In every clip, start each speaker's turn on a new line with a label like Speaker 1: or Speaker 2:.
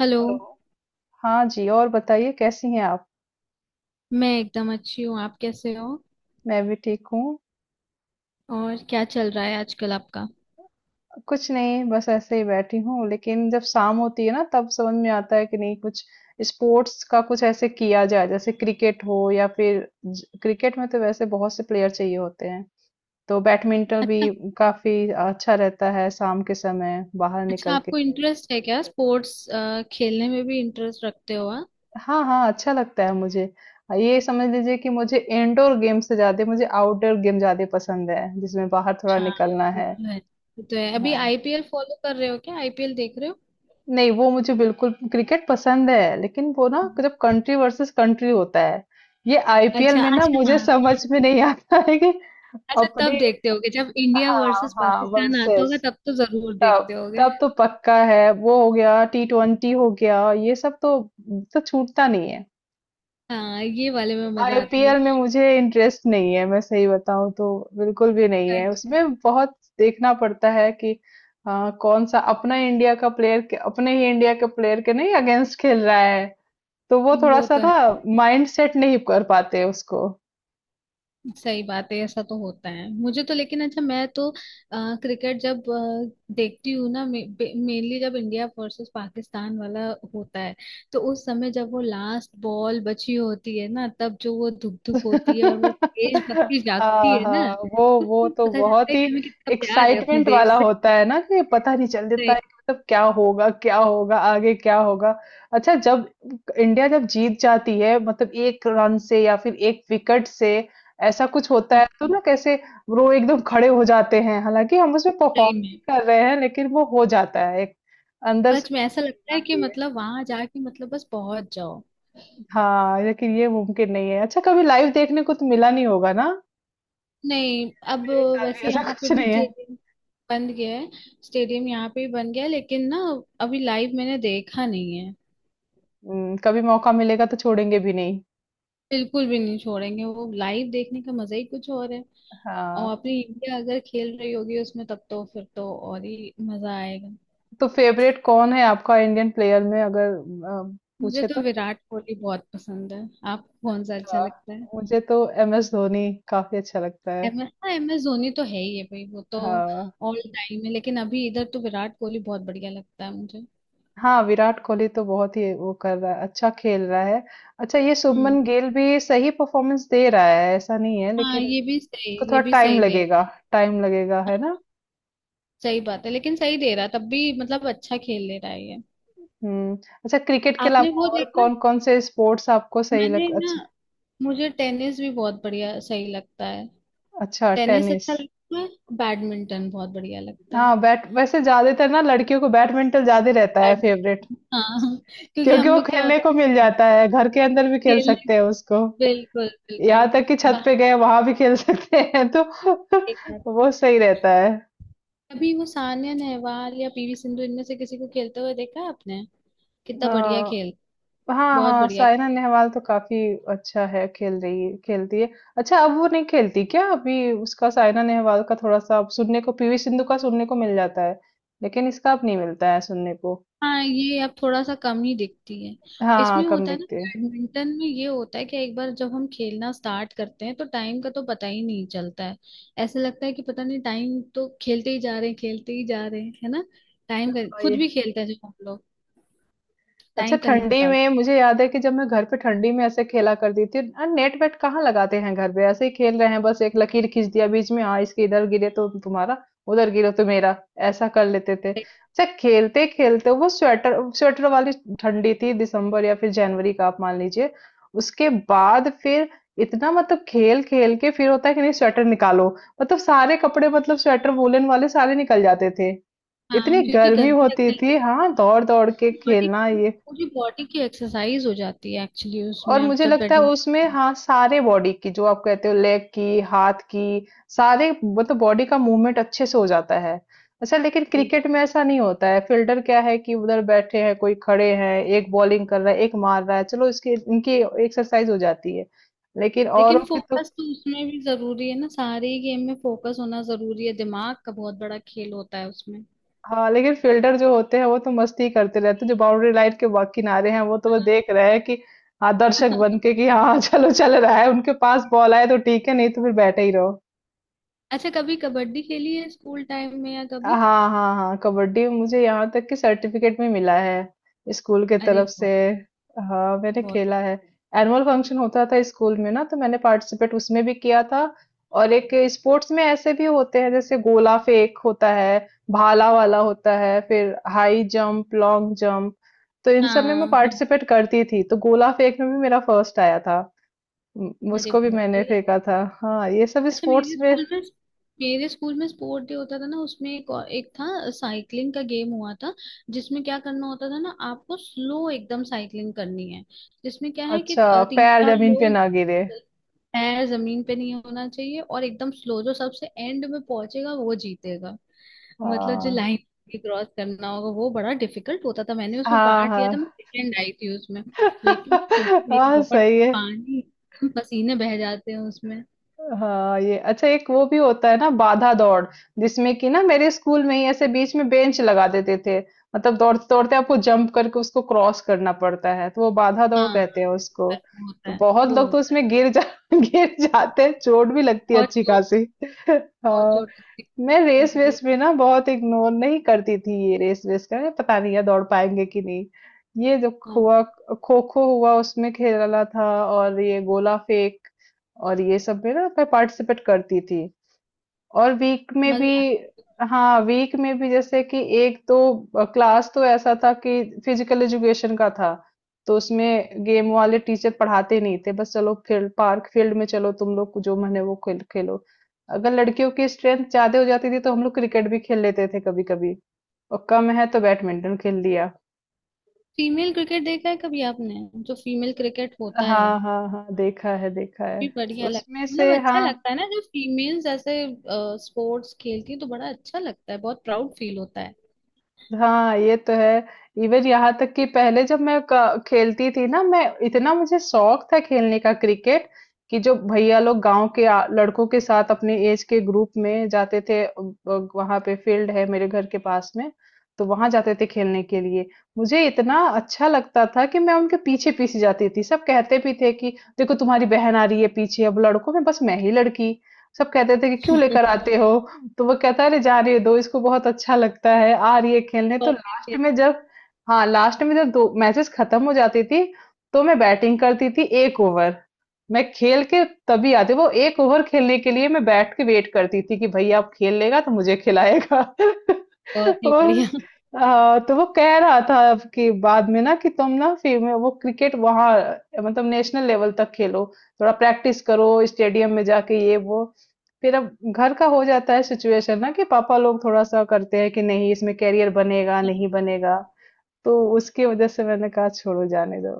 Speaker 1: Hello.
Speaker 2: Hello. हाँ जी और बताइए कैसी हैं आप।
Speaker 1: मैं एकदम अच्छी हूँ, आप कैसे हो?
Speaker 2: मैं भी ठीक हूँ।
Speaker 1: और क्या चल रहा है आजकल आपका?
Speaker 2: कुछ नहीं बस ऐसे ही बैठी हूँ लेकिन जब शाम होती है ना तब समझ में आता है कि नहीं कुछ स्पोर्ट्स का कुछ ऐसे किया जाए जैसे क्रिकेट हो या फिर क्रिकेट में तो वैसे बहुत से प्लेयर चाहिए होते हैं तो बैडमिंटन भी
Speaker 1: अच्छा,
Speaker 2: काफी अच्छा रहता है शाम के समय बाहर
Speaker 1: अच्छा
Speaker 2: निकल के
Speaker 1: आपको
Speaker 2: खेल।
Speaker 1: इंटरेस्ट है क्या स्पोर्ट्स? खेलने में भी इंटरेस्ट रखते हो आप?
Speaker 2: हाँ हाँ अच्छा लगता है मुझे। ये समझ लीजिए कि मुझे इंडोर गेम से ज्यादा मुझे आउटडोर गेम ज्यादा पसंद है जिसमें बाहर थोड़ा
Speaker 1: हाँ,
Speaker 2: निकलना
Speaker 1: ये
Speaker 2: है।
Speaker 1: तो है, ये तो है। अभी
Speaker 2: हाँ,
Speaker 1: आईपीएल फॉलो कर रहे हो क्या, आईपीएल देख रहे हो?
Speaker 2: नहीं वो मुझे बिल्कुल क्रिकेट पसंद है लेकिन वो ना जब कंट्री वर्सेस कंट्री होता है। ये आईपीएल
Speaker 1: अच्छा
Speaker 2: में ना
Speaker 1: अच्छा,
Speaker 2: मुझे
Speaker 1: हाँ।
Speaker 2: समझ में नहीं आता है कि
Speaker 1: अच्छा,
Speaker 2: अपनी।
Speaker 1: तब देखते होगे जब इंडिया
Speaker 2: हाँ
Speaker 1: वर्सेस
Speaker 2: हाँ
Speaker 1: पाकिस्तान आता
Speaker 2: वर्सेस।
Speaker 1: होगा तब तो जरूर
Speaker 2: तब
Speaker 1: देखते होगे।
Speaker 2: तब तो पक्का है वो हो गया टी ट्वेंटी हो गया ये सब तो छूटता नहीं है।
Speaker 1: हाँ, ये वाले में मजा आती है।
Speaker 2: आईपीएल में मुझे इंटरेस्ट नहीं है मैं सही बताऊं तो, बिल्कुल भी नहीं है।
Speaker 1: अच्छा,
Speaker 2: उसमें बहुत देखना पड़ता है कि हाँ, कौन सा अपना इंडिया का प्लेयर अपने ही इंडिया के प्लेयर के नहीं अगेंस्ट खेल रहा है तो वो थोड़ा
Speaker 1: वो
Speaker 2: सा
Speaker 1: तो
Speaker 2: ना माइंड सेट नहीं कर पाते उसको।
Speaker 1: सही बात है, ऐसा तो होता है। मुझे तो लेकिन अच्छा, मैं तो क्रिकेट जब देखती हूँ ना, मेनली जब इंडिया वर्सेस पाकिस्तान वाला होता है, तो उस समय जब वो लास्ट बॉल बची होती है ना, तब जो वो धुक धुक होती है और वो देशभक्ति जागती
Speaker 2: हाँ
Speaker 1: है ना।
Speaker 2: हाँ वो वो
Speaker 1: उसमें
Speaker 2: तो
Speaker 1: पता चलता
Speaker 2: बहुत
Speaker 1: है
Speaker 2: ही
Speaker 1: कि हमें कितना प्यार है अपने
Speaker 2: एक्साइटमेंट
Speaker 1: देश
Speaker 2: वाला
Speaker 1: से।
Speaker 2: होता है ना कि पता नहीं चल देता है
Speaker 1: सही।
Speaker 2: कि मतलब क्या होगा आगे क्या होगा। अच्छा जब इंडिया जब जीत जाती है मतलब एक रन से या फिर एक विकेट से ऐसा कुछ होता
Speaker 1: हाँ,
Speaker 2: है तो ना कैसे वो एकदम खड़े हो जाते हैं हालांकि हम उसमें परफॉर्म
Speaker 1: सही
Speaker 2: नहीं
Speaker 1: में
Speaker 2: कर रहे हैं लेकिन वो हो जाता है एक अंदर से।
Speaker 1: सच में ऐसा लगता है कि मतलब वहां जाके मतलब बस पहुंच जाओ।
Speaker 2: हाँ, लेकिन ये मुमकिन नहीं है। अच्छा कभी लाइव देखने को तो मिला नहीं होगा ना?
Speaker 1: नहीं अब
Speaker 2: मेरे साथ भी
Speaker 1: वैसे
Speaker 2: ऐसा
Speaker 1: यहाँ पे
Speaker 2: कुछ
Speaker 1: भी
Speaker 2: नहीं है।
Speaker 1: स्टेडियम बन गया है। स्टेडियम यहाँ पे भी बन गया है लेकिन ना अभी लाइव मैंने देखा नहीं है।
Speaker 2: हुँ, कभी मौका मिलेगा तो छोड़ेंगे भी नहीं।
Speaker 1: बिल्कुल भी नहीं छोड़ेंगे, वो लाइव देखने का मजा ही कुछ और है।
Speaker 2: हाँ,
Speaker 1: और अपनी इंडिया अगर खेल रही होगी उसमें, तब तो फिर तो और ही मजा आएगा।
Speaker 2: तो फेवरेट कौन है आपका इंडियन प्लेयर में अगर अ,
Speaker 1: मुझे
Speaker 2: पूछे तो?
Speaker 1: तो विराट कोहली बहुत पसंद है। आपको कौन सा अच्छा
Speaker 2: अ,
Speaker 1: लगता है?
Speaker 2: मुझे तो एमएस धोनी काफ़ी अच्छा लगता है।
Speaker 1: एम एस, हाँ एम एस धोनी तो है ही है भाई, वो तो
Speaker 2: हाँ।
Speaker 1: ऑल टाइम है। लेकिन अभी इधर तो विराट कोहली बहुत बढ़िया लगता है मुझे।
Speaker 2: हाँ, विराट कोहली तो बहुत ही वो कर रहा है, अच्छा खेल रहा है। अच्छा ये
Speaker 1: हम्म,
Speaker 2: शुभमन गिल भी सही परफॉर्मेंस दे रहा है, ऐसा नहीं है
Speaker 1: हाँ
Speaker 2: लेकिन
Speaker 1: ये भी सही,
Speaker 2: उसको थोड़ा
Speaker 1: ये भी
Speaker 2: टाइम
Speaker 1: सही दे
Speaker 2: लगेगा। टाइम लगेगा, है ना?
Speaker 1: सही बात है। लेकिन सही दे रहा है, तब भी मतलब अच्छा खेल ले रहा है ये।
Speaker 2: हुँ। अच्छा क्रिकेट के
Speaker 1: आपने
Speaker 2: अलावा
Speaker 1: वो
Speaker 2: और
Speaker 1: देखा?
Speaker 2: कौन-कौन से स्पोर्ट्स आपको सही लग
Speaker 1: मैंने ना
Speaker 2: अच्छा।
Speaker 1: मुझे टेनिस भी बहुत बढ़िया सही लगता है।
Speaker 2: अच्छा
Speaker 1: टेनिस
Speaker 2: टेनिस।
Speaker 1: अच्छा लगता है, बैडमिंटन बहुत बढ़िया लगता है।
Speaker 2: हाँ, बैट वैसे ज़्यादातर ना लड़कियों को बैडमिंटन ज़्यादा रहता है
Speaker 1: बैड
Speaker 2: फ़ेवरेट,
Speaker 1: हाँ क्योंकि
Speaker 2: क्योंकि
Speaker 1: हम
Speaker 2: वो
Speaker 1: लोग क्या
Speaker 2: खेलने
Speaker 1: होता
Speaker 2: को मिल
Speaker 1: है ना,
Speaker 2: जाता है, घर के अंदर भी खेल
Speaker 1: खेलने
Speaker 2: सकते हैं उसको।
Speaker 1: बिल्कुल बिल्कुल।
Speaker 2: यहाँ तक कि छत
Speaker 1: बाहर
Speaker 2: पे गए वहाँ भी खेल सकते हैं तो
Speaker 1: देख रहे थे।
Speaker 2: वो सही रहता है।
Speaker 1: अभी वो सानिया नेहवाल या पीवी सिंधु इनमें से किसी को खेलते हुए देखा है आपने? कितना बढ़िया खेल।
Speaker 2: अ, हाँ
Speaker 1: बहुत
Speaker 2: हाँ
Speaker 1: बढ़िया।
Speaker 2: साइना नेहवाल तो काफी अच्छा है खेल रही है खेलती है। अच्छा अब वो नहीं खेलती क्या, अभी उसका साइना नेहवाल का थोड़ा सा अब सुनने को, पीवी सिंधु का सुनने को मिल जाता है लेकिन इसका अब नहीं मिलता है सुनने को।
Speaker 1: हाँ, ये अब थोड़ा सा कम ही दिखती है।
Speaker 2: हाँ
Speaker 1: इसमें
Speaker 2: कम
Speaker 1: होता है ना
Speaker 2: दिखते हैं।
Speaker 1: बैडमिंटन में, ये होता है कि एक बार जब हम खेलना स्टार्ट करते हैं तो टाइम का तो पता ही नहीं चलता है। ऐसा लगता है कि पता नहीं, टाइम तो खेलते ही जा रहे हैं, खेलते ही जा रहे हैं, है ना? टाइम का
Speaker 2: हाँ, ये
Speaker 1: खुद भी खेलते हैं जब हम लोग।
Speaker 2: अच्छा
Speaker 1: टाइम का नहीं
Speaker 2: ठंडी
Speaker 1: पता लगता
Speaker 2: में मुझे याद है कि जब मैं घर पे ठंडी में ऐसे खेला करती थी और नेट वेट कहाँ लगाते हैं घर पे, ऐसे ही खेल रहे हैं बस एक लकीर खींच दिया बीच में, हाँ इसके इधर गिरे तो तुम्हारा उधर गिरे तो मेरा, ऐसा कर लेते थे।
Speaker 1: है।
Speaker 2: अच्छा खेलते खेलते वो स्वेटर स्वेटर वाली ठंडी थी, दिसंबर या फिर जनवरी का आप मान लीजिए। उसके बाद फिर इतना मतलब खेल खेल के फिर होता है कि नहीं स्वेटर निकालो, मतलब सारे कपड़े मतलब स्वेटर वूलन वाले सारे निकल जाते थे।
Speaker 1: हाँ,
Speaker 2: इतनी
Speaker 1: क्योंकि
Speaker 2: गर्मी
Speaker 1: गर्मी
Speaker 2: होती
Speaker 1: लगने लगती
Speaker 2: थी हाँ,
Speaker 1: है
Speaker 2: दौड़ दौड़ के
Speaker 1: बॉडी।
Speaker 2: खेलना ये,
Speaker 1: पूरी बॉडी की एक्सरसाइज हो जाती है एक्चुअली
Speaker 2: और
Speaker 1: उसमें, अब
Speaker 2: मुझे
Speaker 1: जब
Speaker 2: लगता है उसमें
Speaker 1: बैडमिंटन।
Speaker 2: हाँ सारे बॉडी की जो आप कहते हो लेग की हाथ की सारे मतलब बॉडी का मूवमेंट अच्छे से हो जाता है। अच्छा लेकिन क्रिकेट में ऐसा नहीं होता है, फील्डर क्या है कि उधर बैठे हैं कोई, खड़े हैं, एक बॉलिंग कर रहा है एक मार रहा है, चलो इसकी इनकी एक्सरसाइज हो जाती है लेकिन
Speaker 1: लेकिन
Speaker 2: औरों की तो।
Speaker 1: फोकस तो उसमें भी जरूरी है ना, सारे ही गेम में फोकस होना जरूरी है, दिमाग का बहुत बड़ा खेल होता है उसमें।
Speaker 2: हाँ लेकिन फील्डर जो होते हैं वो तो मस्ती करते रहते हैं, जो बाउंड्री लाइन के किनारे हैं वो तो वो देख
Speaker 1: हाँ।
Speaker 2: रहे हैं कि हाँ दर्शक बन के कि हाँ चलो चल रहा है, उनके पास बॉल आए तो ठीक है नहीं तो फिर बैठे ही रहो।
Speaker 1: अच्छा, कभी कबड्डी खेली है स्कूल टाइम में या कभी?
Speaker 2: हाँ हाँ हाँ, कबड्डी मुझे यहाँ तक कि सर्टिफिकेट भी मिला है स्कूल के
Speaker 1: अरे
Speaker 2: तरफ से।
Speaker 1: बहुत
Speaker 2: हाँ मैंने
Speaker 1: बहुत।
Speaker 2: खेला है। एनुअल फंक्शन होता था स्कूल में ना, तो मैंने पार्टिसिपेट उसमें भी किया था, और एक स्पोर्ट्स में ऐसे भी होते हैं जैसे गोला फेंक होता है, भाला वाला होता है, फिर हाई जंप लॉन्ग जंप, तो इन सब में मैं
Speaker 1: हाँ हाँ।
Speaker 2: पार्टिसिपेट करती थी, तो गोला फेंक में भी मेरा फर्स्ट आया था।
Speaker 1: अरे
Speaker 2: उसको भी
Speaker 1: बहुत
Speaker 2: मैंने
Speaker 1: बढ़िया।
Speaker 2: फेंका था। हाँ ये सब
Speaker 1: अच्छा
Speaker 2: स्पोर्ट्स
Speaker 1: मेरे
Speaker 2: में।
Speaker 1: स्कूल में, मेरे स्कूल में स्पोर्ट डे होता था ना, उसमें एक, एक था साइकिलिंग का गेम हुआ था। जिसमें क्या करना होता था ना, आपको स्लो एकदम साइकिलिंग करनी है। जिसमें क्या है कि
Speaker 2: अच्छा
Speaker 1: तीन
Speaker 2: पैर
Speaker 1: चार
Speaker 2: जमीन पे
Speaker 1: लोग
Speaker 2: ना गिरे।
Speaker 1: पैर जमीन पे नहीं होना चाहिए और एकदम स्लो, जो सबसे एंड में पहुंचेगा वो जीतेगा। मतलब जो
Speaker 2: हाँ
Speaker 1: लाइन क्रॉस करना होगा वो बड़ा डिफिकल्ट होता था। मैंने उसमें
Speaker 2: हाँ
Speaker 1: पार्ट
Speaker 2: हाँ।
Speaker 1: लिया था, मैं सेकेंड आई थी उसमें। लेकिन क्योंकि मेरी
Speaker 2: हाँ
Speaker 1: बहुत
Speaker 2: सही है।
Speaker 1: पानी पसीने बह जाते हैं उसमें।
Speaker 2: हाँ ये अच्छा एक वो भी होता है ना बाधा दौड़, जिसमें कि ना मेरे स्कूल में ही ऐसे बीच में बेंच लगा देते थे, मतलब दौड़ते दौड़ते आपको जंप करके उसको क्रॉस करना पड़ता है, तो वो बाधा दौड़
Speaker 1: हाँ
Speaker 2: कहते हैं उसको।
Speaker 1: होता है, वो होता
Speaker 2: तो
Speaker 1: है।
Speaker 2: बहुत
Speaker 1: वो
Speaker 2: लोग तो
Speaker 1: होता है।
Speaker 2: उसमें गिर जा गिर जाते हैं, चोट भी लगती है
Speaker 1: और
Speaker 2: अच्छी
Speaker 1: चोट
Speaker 2: खासी।
Speaker 1: लगती- और
Speaker 2: हाँ,
Speaker 1: चोट लगती
Speaker 2: मैं
Speaker 1: है
Speaker 2: रेस
Speaker 1: तो भाई।
Speaker 2: वेस भी ना बहुत इग्नोर नहीं करती थी, ये रेस वेस का ना पता नहीं है दौड़ पाएंगे कि नहीं। ये जो
Speaker 1: हाँ
Speaker 2: हुआ, खो खो हुआ उसमें खेला था, और ये गोला फेंक, और ये सब में ना मैं पार्टिसिपेट करती थी। और वीक में भी,
Speaker 1: मजा आता है।
Speaker 2: हाँ वीक में भी जैसे कि, एक तो क्लास तो ऐसा था कि फिजिकल एजुकेशन का था, तो उसमें गेम वाले टीचर पढ़ाते नहीं थे, बस चलो फील्ड, पार्क फील्ड में चलो, तुम लोग जो मन है वो खेल खेलो। अगर लड़कियों की स्ट्रेंथ ज्यादा हो जाती थी तो हम लोग क्रिकेट भी खेल लेते थे कभी कभी, और कम है तो बैडमिंटन खेल लिया।
Speaker 1: फीमेल क्रिकेट देखा है कभी आपने? जो फीमेल क्रिकेट होता है
Speaker 2: हाँ हाँ हाँ देखा है देखा
Speaker 1: भी
Speaker 2: है।
Speaker 1: बढ़िया लगता
Speaker 2: उसमें
Speaker 1: है, मतलब
Speaker 2: से
Speaker 1: अच्छा
Speaker 2: हाँ।
Speaker 1: लगता है ना जब फीमेल्स ऐसे स्पोर्ट्स खेलती है, तो बड़ा अच्छा लगता है, बहुत प्राउड फील होता है।
Speaker 2: हाँ, ये तो है। इवन यहाँ तक कि पहले जब मैं खेलती थी ना, मैं, इतना मुझे शौक था खेलने का क्रिकेट, कि जो भैया लोग गांव के लड़कों के साथ अपने एज के ग्रुप में जाते थे, वहां पे फील्ड है मेरे घर के पास में, तो वहां जाते थे खेलने के लिए। मुझे इतना अच्छा लगता था कि मैं उनके पीछे पीछे जाती थी, सब कहते भी थे कि देखो तुम्हारी बहन आ रही है पीछे, अब लड़कों में बस मैं ही लड़की। सब कहते थे कि क्यों लेकर आते हो? तो वो कहता है अरे जाने दो इसको बहुत अच्छा लगता है, आ रही है खेलने।
Speaker 1: तो
Speaker 2: तो
Speaker 1: आपके
Speaker 2: लास्ट
Speaker 1: लिए
Speaker 2: में जब, हाँ, लास्ट में जब दो मैचेस खत्म हो जाती थी, तो मैं बैटिंग करती थी 1 ओवर। मैं खेल के तभी आती, वो 1 ओवर खेलने के लिए मैं बैठ के वेट करती थी कि भैया अब खेल लेगा तो मुझे खिलाएगा।
Speaker 1: बहुत ही
Speaker 2: वो,
Speaker 1: बढ़िया।
Speaker 2: हाँ, तो वो कह रहा था अब कि बाद में ना कि तुम ना फिर में वो क्रिकेट वहाँ मतलब नेशनल लेवल तक खेलो, थोड़ा प्रैक्टिस करो स्टेडियम में जाके ये वो। फिर अब घर का हो जाता है सिचुएशन ना कि पापा लोग थोड़ा सा करते हैं कि नहीं इसमें करियर बनेगा नहीं बनेगा, तो उसकी वजह से मैंने कहा छोड़ो जाने दो,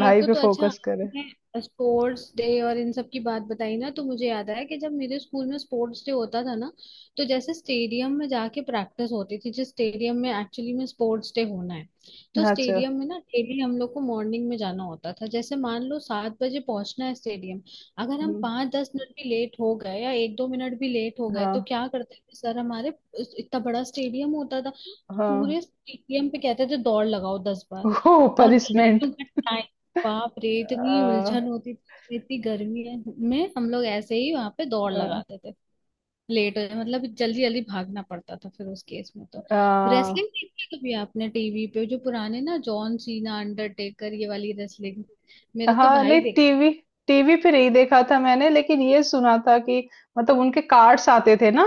Speaker 1: मेरे को
Speaker 2: पे
Speaker 1: तो अच्छा।
Speaker 2: फोकस करे।
Speaker 1: मैं स्पोर्ट्स डे और इन सब की बात बताई ना, तो मुझे याद आया कि जब मेरे स्कूल में स्पोर्ट्स डे होता था ना, तो जैसे स्टेडियम में जाके प्रैक्टिस होती थी जिस स्टेडियम में एक्चुअली में स्पोर्ट्स डे होना है। तो
Speaker 2: अच्छा।
Speaker 1: स्टेडियम में ना डेली हम लोग को मॉर्निंग में जाना होता था, जैसे मान लो 7 बजे पहुंचना है स्टेडियम। अगर हम
Speaker 2: हम्म,
Speaker 1: पाँच दस मिनट भी लेट हो गए या एक दो मिनट भी लेट हो गए
Speaker 2: हाँ
Speaker 1: तो क्या करते थे सर हमारे, इतना बड़ा स्टेडियम होता था,
Speaker 2: हाँ।
Speaker 1: पूरे स्टेडियम पे कहते थे दौड़ लगाओ 10 बार।
Speaker 2: हो,
Speaker 1: और
Speaker 2: पनिशमेंट।
Speaker 1: गर्मियों का बाप रे, इतनी
Speaker 2: आ,
Speaker 1: उलझन होती थी, इतनी गर्मी है में हम लोग ऐसे ही वहां पे दौड़
Speaker 2: आ,
Speaker 1: लगाते थे। लेट हो जाए मतलब जल्दी जल्दी भागना पड़ता था फिर उस केस में तो।
Speaker 2: आ,
Speaker 1: रेसलिंग देखी है कभी आपने टीवी पे, जो पुराने ना जॉन सीना अंडरटेकर ये वाली रेसलिंग? मेरा तो
Speaker 2: हाँ
Speaker 1: भाई
Speaker 2: नहीं
Speaker 1: देख।
Speaker 2: टीवी, टीवी पे नहीं देखा था मैंने, लेकिन ये सुना था कि मतलब उनके कार्ड्स आते थे ना,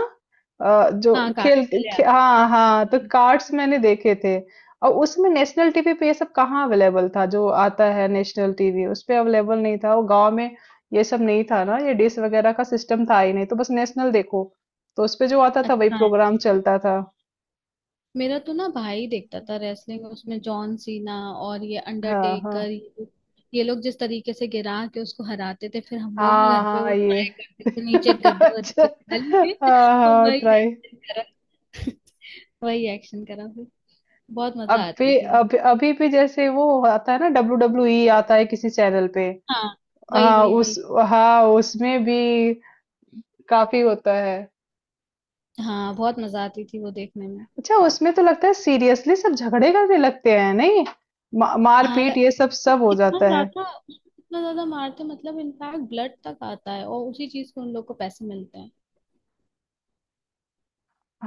Speaker 2: जो
Speaker 1: हाँ कार्ड
Speaker 2: खेल,
Speaker 1: चले आते थे।
Speaker 2: हाँ हाँ तो कार्ड्स मैंने देखे थे। और उसमें नेशनल टीवी पे ये सब कहाँ अवेलेबल था, जो आता है नेशनल टीवी उस पे अवेलेबल नहीं था वो गांव में। ये सब नहीं था ना, ये डिश वगैरह का सिस्टम था ही नहीं, तो बस नेशनल देखो, तो उस पे जो आता था वही
Speaker 1: अच्छा है।
Speaker 2: प्रोग्राम चलता था।
Speaker 1: मेरा तो ना भाई देखता था रेसलिंग, उसमें जॉन सीना और ये
Speaker 2: हाँ हाँ।
Speaker 1: अंडरटेकर, ये लोग जिस तरीके से गिरा के उसको हराते थे, फिर हम लोग ना
Speaker 2: हाँ
Speaker 1: घर पे
Speaker 2: हाँ
Speaker 1: वो
Speaker 2: ये।
Speaker 1: ट्राई करते थे नीचे गद्दे
Speaker 2: अच्छा।
Speaker 1: वद्दे पे डाल के
Speaker 2: हाँ
Speaker 1: और
Speaker 2: हाँ
Speaker 1: वही
Speaker 2: ट्राई।
Speaker 1: एक्शन करा। वही एक्शन करा फिर। बहुत
Speaker 2: अब
Speaker 1: मजा आती
Speaker 2: भी,
Speaker 1: थी।
Speaker 2: अभी अभी भी जैसे वो आता है ना डब्ल्यू डब्ल्यू ई आता है किसी चैनल पे।
Speaker 1: हाँ, वही
Speaker 2: हाँ
Speaker 1: वही वही।
Speaker 2: उस, हाँ उसमें भी काफी होता है।
Speaker 1: हाँ, बहुत मजा आती थी वो देखने में।
Speaker 2: अच्छा उसमें तो लगता है सीरियसली सब झगड़े करने लगते हैं नहीं,
Speaker 1: हाँ ल...
Speaker 2: मारपीट ये सब
Speaker 1: तो
Speaker 2: सब हो
Speaker 1: कितना
Speaker 2: जाता है।
Speaker 1: ज्यादा, कितना ज्यादा मारते मतलब, इनफैक्ट ब्लड तक आता है और उसी चीज को उन लोग को पैसे मिलते हैं।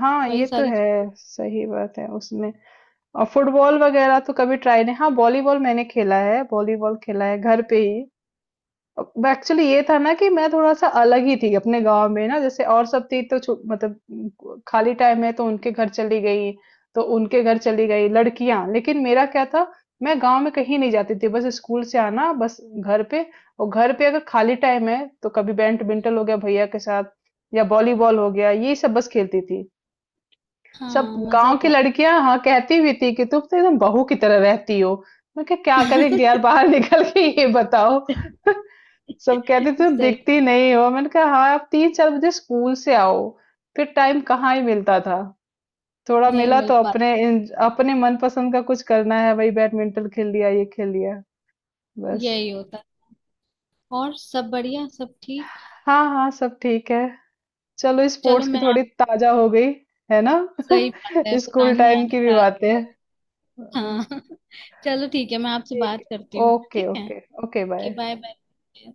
Speaker 2: हाँ ये
Speaker 1: वही
Speaker 2: तो
Speaker 1: सारी।
Speaker 2: है, सही बात है उसमें। और फुटबॉल वगैरह तो कभी ट्राई नहीं, हाँ वॉलीबॉल मैंने खेला है, वॉलीबॉल खेला है घर पे ही। एक्चुअली ये था ना कि मैं थोड़ा सा अलग ही थी अपने गांव में ना, जैसे और सब थी तो मतलब खाली टाइम है तो उनके घर चली गई, तो उनके घर चली गई लड़कियां, लेकिन मेरा क्या था, मैं गांव में कहीं नहीं जाती थी, बस स्कूल से आना बस घर पे, और घर पे अगर खाली टाइम है तो कभी बैडमिंटन हो गया भैया के साथ, या वॉलीबॉल हो गया, ये सब बस खेलती थी। सब
Speaker 1: हाँ मजा
Speaker 2: गाँव की
Speaker 1: तो।
Speaker 2: लड़कियाँ हाँ, कहती भी थी कि तुम तो एकदम बहू की तरह रहती हो। मैं कहा क्या करेंगे यार बाहर निकल के ये बताओ।
Speaker 1: सही
Speaker 2: सब कहते तुम
Speaker 1: है,
Speaker 2: दिखती नहीं हो। मैंने कहा हाँ, आप 3-4 बजे स्कूल से आओ। फिर टाइम कहाँ ही मिलता था। थोड़ा
Speaker 1: नहीं
Speaker 2: मिला
Speaker 1: मिल
Speaker 2: तो
Speaker 1: पाता।
Speaker 2: अपने इन, अपने मनपसंद का कुछ करना है वही बैडमिंटन खेल लिया, ये खेल लिया, बस।
Speaker 1: यही होता है। और सब बढ़िया, सब ठीक।
Speaker 2: हाँ, हाँ, सब ठीक है। चलो
Speaker 1: चलो
Speaker 2: स्पोर्ट्स की
Speaker 1: मैं आप।
Speaker 2: थोड़ी ताज़ा हो गई, है ना?
Speaker 1: सही बात है,
Speaker 2: स्कूल
Speaker 1: पुरानी
Speaker 2: टाइम
Speaker 1: यादें
Speaker 2: की भी
Speaker 1: ताज़ा हो
Speaker 2: बातें।
Speaker 1: गई। हाँ चलो ठीक है, मैं आपसे
Speaker 2: ठीक।
Speaker 1: बात करती हूँ,
Speaker 2: ओके
Speaker 1: ठीक है?
Speaker 2: ओके। ओके
Speaker 1: कि
Speaker 2: बाय।
Speaker 1: Bye bye.